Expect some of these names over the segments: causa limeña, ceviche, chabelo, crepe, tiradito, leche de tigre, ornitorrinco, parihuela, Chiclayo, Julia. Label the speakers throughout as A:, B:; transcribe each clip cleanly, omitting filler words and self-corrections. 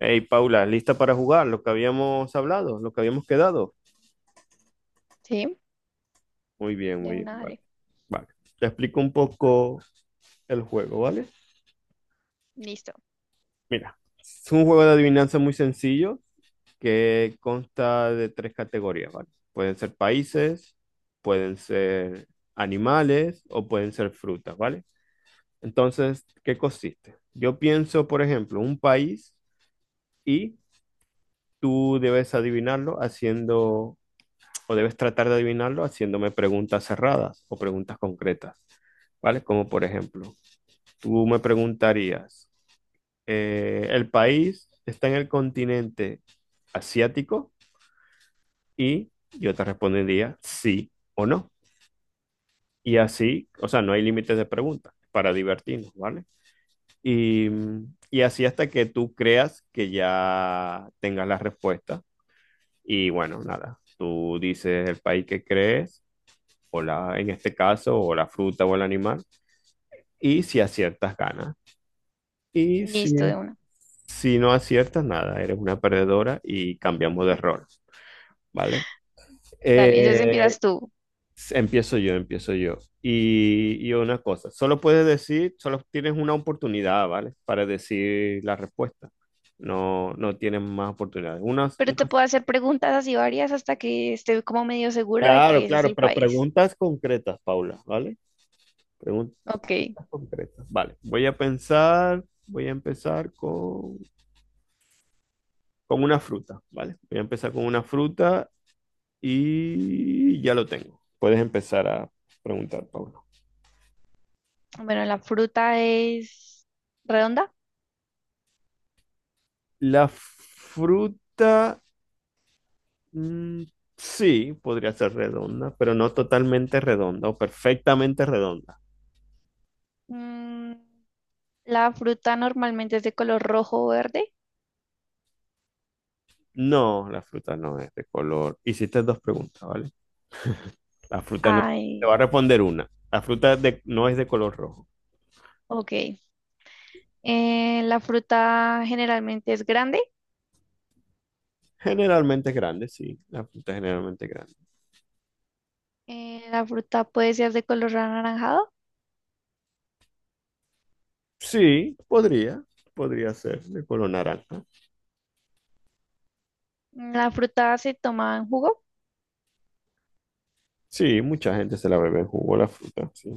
A: Hey, Paula, ¿lista para jugar? Lo que habíamos hablado, lo que habíamos quedado.
B: Sí,
A: Muy bien,
B: de
A: muy bien.
B: una,
A: Vale,
B: dale.
A: vale. Te explico un poco el juego, ¿vale?
B: Listo,
A: Mira, es un juego de adivinanza muy sencillo que consta de tres categorías, ¿vale? Pueden ser países, pueden ser animales o pueden ser frutas, ¿vale? Entonces, ¿qué consiste? Yo pienso, por ejemplo, un país y tú debes adivinarlo haciendo o debes tratar de adivinarlo haciéndome preguntas cerradas o preguntas concretas, ¿vale? Como por ejemplo, tú me preguntarías, ¿el país está en el continente asiático? Y yo te respondería sí o no. Y así, o sea, no hay límites de preguntas para divertirnos, ¿vale? Y, y así hasta que tú creas que ya tengas la respuesta. Y bueno, nada, tú dices el país que crees, o la, en este caso, o la fruta o el animal. Y si aciertas, ganas. Y si,
B: listo, de una.
A: si no aciertas, nada, eres una perdedora y cambiamos de rol, ¿vale?
B: Dale, entonces
A: Eh,
B: empiezas tú.
A: empiezo yo, empiezo yo. Y una cosa, solo puedes decir, solo tienes una oportunidad, ¿vale? Para decir la respuesta. No, no tienes más oportunidades.
B: Pero te puedo hacer preguntas así varias hasta que esté como medio segura de
A: Claro,
B: que ese es
A: claro,
B: el
A: pero
B: país.
A: preguntas concretas, Paula, ¿vale? Pregun-
B: Ok,
A: Preguntas concretas. Vale, voy a pensar, voy a empezar con una fruta, ¿vale? Voy a empezar con una fruta y ya lo tengo. Puedes empezar a preguntar, Pablo.
B: bueno, la fruta es redonda.
A: La fruta, mm, sí, podría ser redonda, pero no totalmente redonda o perfectamente redonda.
B: Mm, la fruta normalmente es de color rojo o verde.
A: No, la fruta no es de color. Hiciste dos preguntas, ¿vale? La fruta no, te va
B: Ay,
A: a responder una. No es de color rojo.
B: ok. La fruta generalmente es grande.
A: Generalmente es grande, sí. La fruta es generalmente es grande.
B: La fruta puede ser de color anaranjado.
A: Sí, podría ser de color naranja.
B: Mm, la fruta se toma en jugo.
A: Sí, mucha gente se la bebe en jugo la fruta, sí.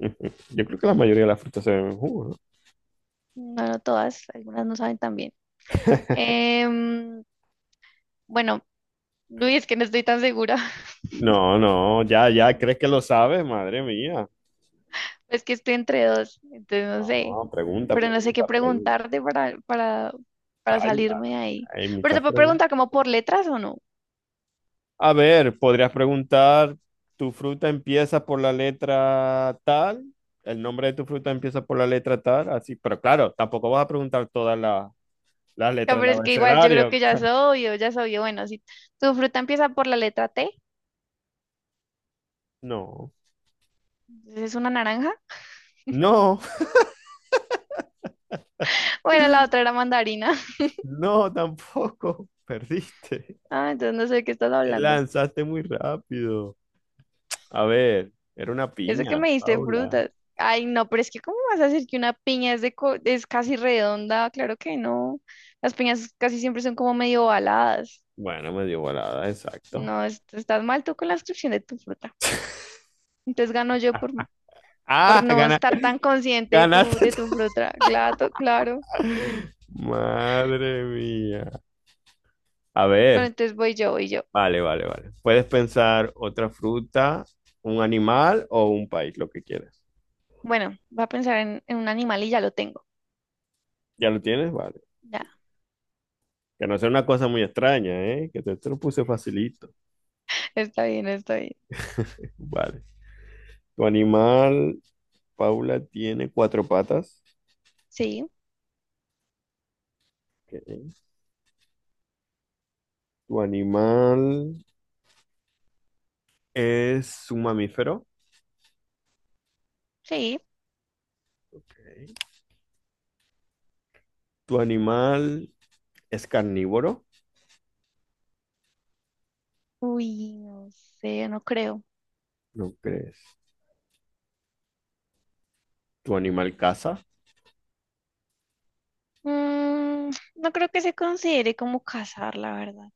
A: Yo creo que la mayoría de las frutas se beben en jugo, ¿no?
B: No, no todas, algunas no saben tan bien. Em, bueno, uy, es que no estoy tan segura.
A: No, no, ya, ya, ¿crees que lo sabes? Madre mía.
B: Es que estoy entre dos, entonces no
A: No,
B: sé.
A: pregunta,
B: Pero no sé qué
A: pregunta, pregunta.
B: preguntarte para
A: Ay,
B: salirme de ahí.
A: hay,
B: Pero te
A: muchas
B: puedo
A: preguntas.
B: preguntar como por letras o no. O
A: A ver, podrías preguntar, ¿tu fruta empieza por la letra tal? ¿El nombre de tu fruta empieza por la letra tal? Así, pero claro, tampoco vas a preguntar todas las
B: sea,
A: letras
B: pero
A: del
B: es que igual yo creo
A: abecedario.
B: que ya soy yo. Bueno, si tu fruta empieza por la letra T,
A: No,
B: entonces es una naranja.
A: no,
B: Bueno, la otra era mandarina.
A: no, tampoco. Perdiste.
B: Ah, entonces no sé de qué estás
A: Te
B: hablando.
A: lanzaste muy rápido. A ver, era una
B: Yo sé que
A: piña,
B: me diste
A: Paula.
B: frutas. Ay, no, pero es que ¿cómo vas a decir que una piña es casi redonda? Claro que no. Las piñas casi siempre son como medio ovaladas.
A: Bueno, me dio volada, exacto.
B: No, estás mal tú con la descripción de tu fruta. Entonces gano yo por
A: Ah,
B: no
A: gana-
B: estar tan consciente de
A: Ganaste.
B: tu fruta. Claro, claro.
A: Madre mía. A
B: Bueno,
A: ver,
B: entonces voy yo.
A: vale, vale, vale. Puedes pensar otra fruta, un animal o un país, lo que quieras.
B: Bueno, voy a pensar en un animal y ya lo tengo.
A: ¿Ya lo tienes? Vale.
B: Ya,
A: Que no sea una cosa muy extraña, ¿eh? Que te lo puse facilito.
B: está bien, está bien.
A: Vale. Tu animal, Paula, tiene cuatro patas.
B: Sí,
A: Ok. Tu animal, ¿es un mamífero?
B: sí.
A: Ok. ¿Tu animal es carnívoro?
B: Uy, no sé, no creo.
A: ¿No crees? ¿Tu animal caza?
B: No creo que se considere como cazar, la verdad.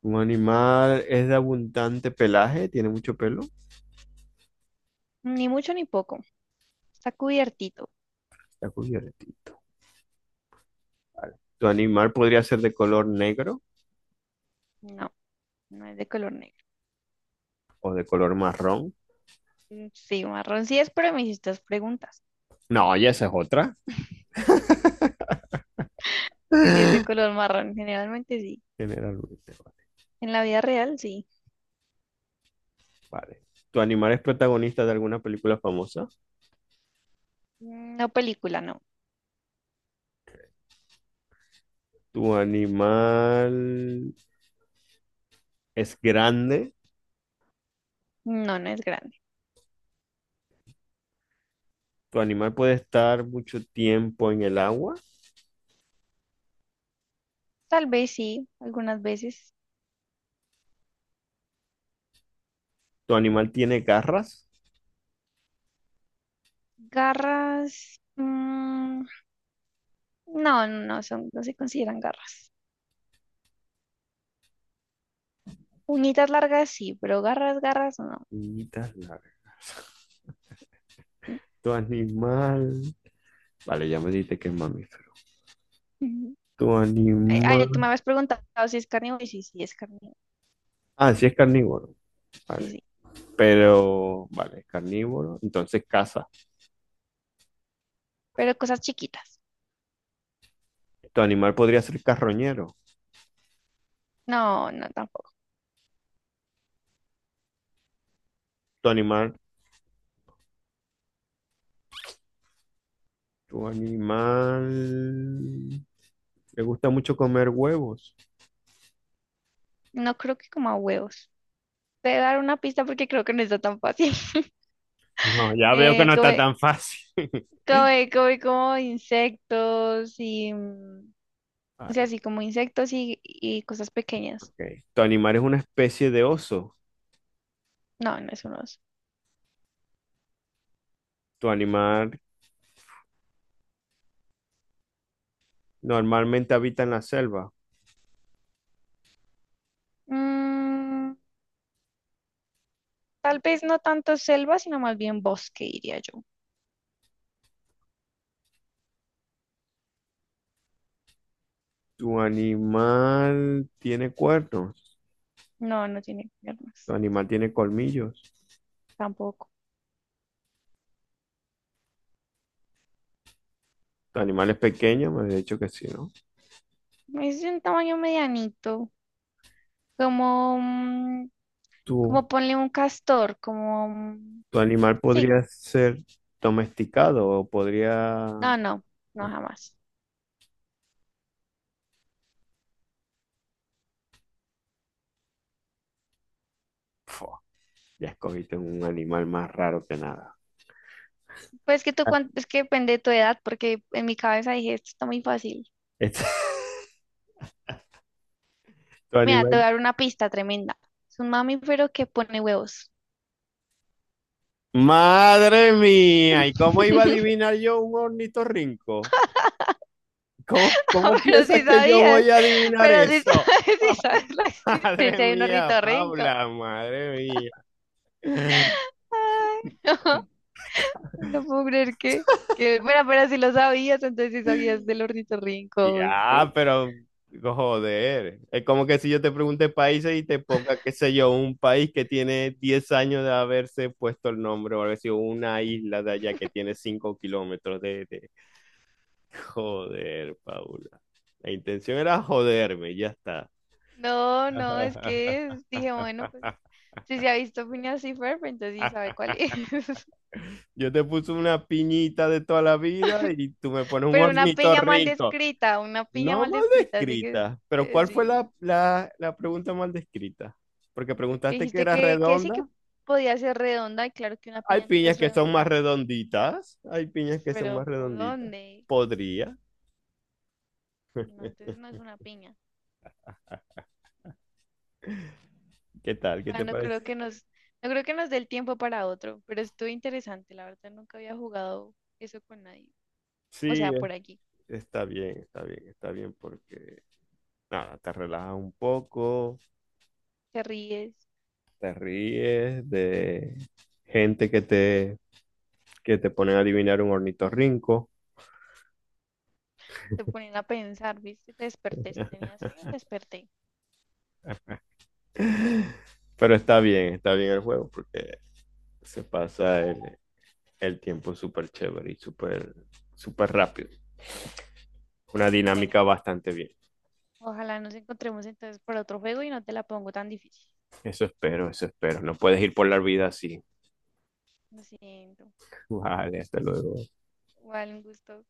A: ¿Tu animal es de abundante pelaje? ¿Tiene mucho pelo?
B: Ni mucho ni poco. Está cubiertito.
A: Está cubierto. ¿Tu animal podría ser de color negro
B: No, no es de color negro.
A: o de color marrón?
B: Mm, sí, marrón sí es, pero me hiciste dos preguntas.
A: No, ya esa es otra.
B: Sí, sí es de color marrón. Generalmente sí.
A: Generalmente,
B: En la vida real sí.
A: vale. ¿Tu animal es protagonista de alguna película famosa?
B: Mm, no película, no.
A: ¿Tu animal es grande?
B: No, no es grande.
A: ¿Tu animal puede estar mucho tiempo en el agua?
B: Tal vez sí, algunas veces.
A: ¿Tu animal tiene garras?
B: Garras. No, no son, no se consideran garras. Uñitas largas sí, pero garras, garras no.
A: Manitas largas. Tu animal. Vale, ya me dijiste que es mamífero. Tu
B: Ay,
A: animal.
B: ay, tú me habías preguntado si es carnívoro y sí, sí, es carnívoro.
A: Ah, sí es carnívoro.
B: Sí,
A: Vale.
B: sí.
A: Pero, vale, es carnívoro. Entonces caza.
B: Pero cosas chiquitas.
A: Tu animal podría ser carroñero.
B: No, no, tampoco.
A: Tu animal. Tu animal. Le gusta mucho comer huevos.
B: No creo que coma huevos. Te voy a dar una pista porque creo que no está tan fácil.
A: No, ya veo que
B: Eh,
A: no está
B: come,
A: tan fácil.
B: Come como insectos y... o sea,
A: Vale,
B: así como insectos y cosas pequeñas.
A: ok. Tu animal es una especie de oso.
B: No, no es un oso.
A: Tu animal normalmente habita en la selva.
B: Mm, Tal vez no tanto selva, sino más bien bosque, diría yo.
A: Tu animal tiene cuernos.
B: No, no tiene
A: Tu
B: piernas.
A: animal tiene colmillos.
B: Tampoco.
A: Tu animal es pequeño, me has dicho que sí, ¿no?
B: Es de un tamaño medianito. Como... mm,
A: Tu,
B: Como ponle un castor, como... un-
A: tu animal
B: Sí,
A: podría ser domesticado o podría
B: no, no, no
A: no.
B: jamás.
A: Fua, ya escogiste un animal más raro que nada.
B: Pues que tú,
A: Ah,
B: cuan- es que depende de tu edad, porque en mi cabeza dije, esto está muy fácil.
A: Este- Tu
B: Mira, te voy
A: animal.
B: a dar una pista tremenda. Es un mamífero que pone huevos.
A: Madre mía, ¿y cómo iba a adivinar yo un ornitorrinco? ¿Cómo,
B: No,
A: cómo
B: pero
A: piensas
B: sí
A: que yo
B: sabías,
A: voy a adivinar
B: pero sí sabes,
A: eso?
B: sí sabes la
A: Madre
B: existencia de un
A: mía,
B: ornitorrinco.
A: Paula, madre mía.
B: Ay, no, no puedo creer que, bueno, pero si lo sabías, entonces sí sabías del ornitorrinco,
A: Ya,
B: ¿viste?
A: pero joder, es como que si yo te pregunte países y te ponga, qué sé yo, un país que tiene 10 años de haberse puesto el nombre, o algo así, o una isla de allá que tiene 5 kilómetros Joder, Paula. La intención era joderme, ya está.
B: No, es que dije, bueno, pues si se ha visto piña así Ferb, entonces sí sabe cuál es.
A: Yo te puse una piñita de toda la vida y tú me pones un
B: Pero una
A: ornitorrinco.
B: una piña
A: No
B: mal
A: mal
B: descrita, así que
A: descrita, pero
B: eh,
A: ¿cuál fue
B: sí,
A: la pregunta mal descrita? Porque
B: que
A: preguntaste que
B: dijiste
A: era
B: que sí que
A: redonda.
B: podía ser redonda, y claro que una
A: Hay
B: piña nunca
A: piñas
B: es
A: que son más
B: redonda,
A: redonditas. Hay piñas que son más
B: pero ¿por
A: redonditas.
B: dónde?
A: Podría.
B: No, entonces no es una piña.
A: ¿Qué tal? ¿Qué
B: Ah,
A: te parece?
B: no creo que nos dé el tiempo para otro, pero estuvo interesante, la verdad nunca había jugado eso con nadie. O
A: Sí,
B: sea,
A: es-
B: por aquí.
A: está bien, está bien, está bien porque, nada, te relajas un poco,
B: ¿Te ríes?
A: te ríes de gente que te ponen a adivinar un ornitorrinco.
B: Te ponen a pensar, ¿viste? Te desperté, si tenías sueño, te desperté.
A: Pero está bien el juego porque se pasa el tiempo súper chévere y súper, súper rápido. Una
B: Bueno,
A: dinámica bastante bien.
B: ojalá nos encontremos entonces por otro juego y no te la pongo tan difícil.
A: Eso espero, eso espero. No puedes ir por la vida así.
B: Lo siento.
A: Vale, hasta luego.
B: Igual un gusto.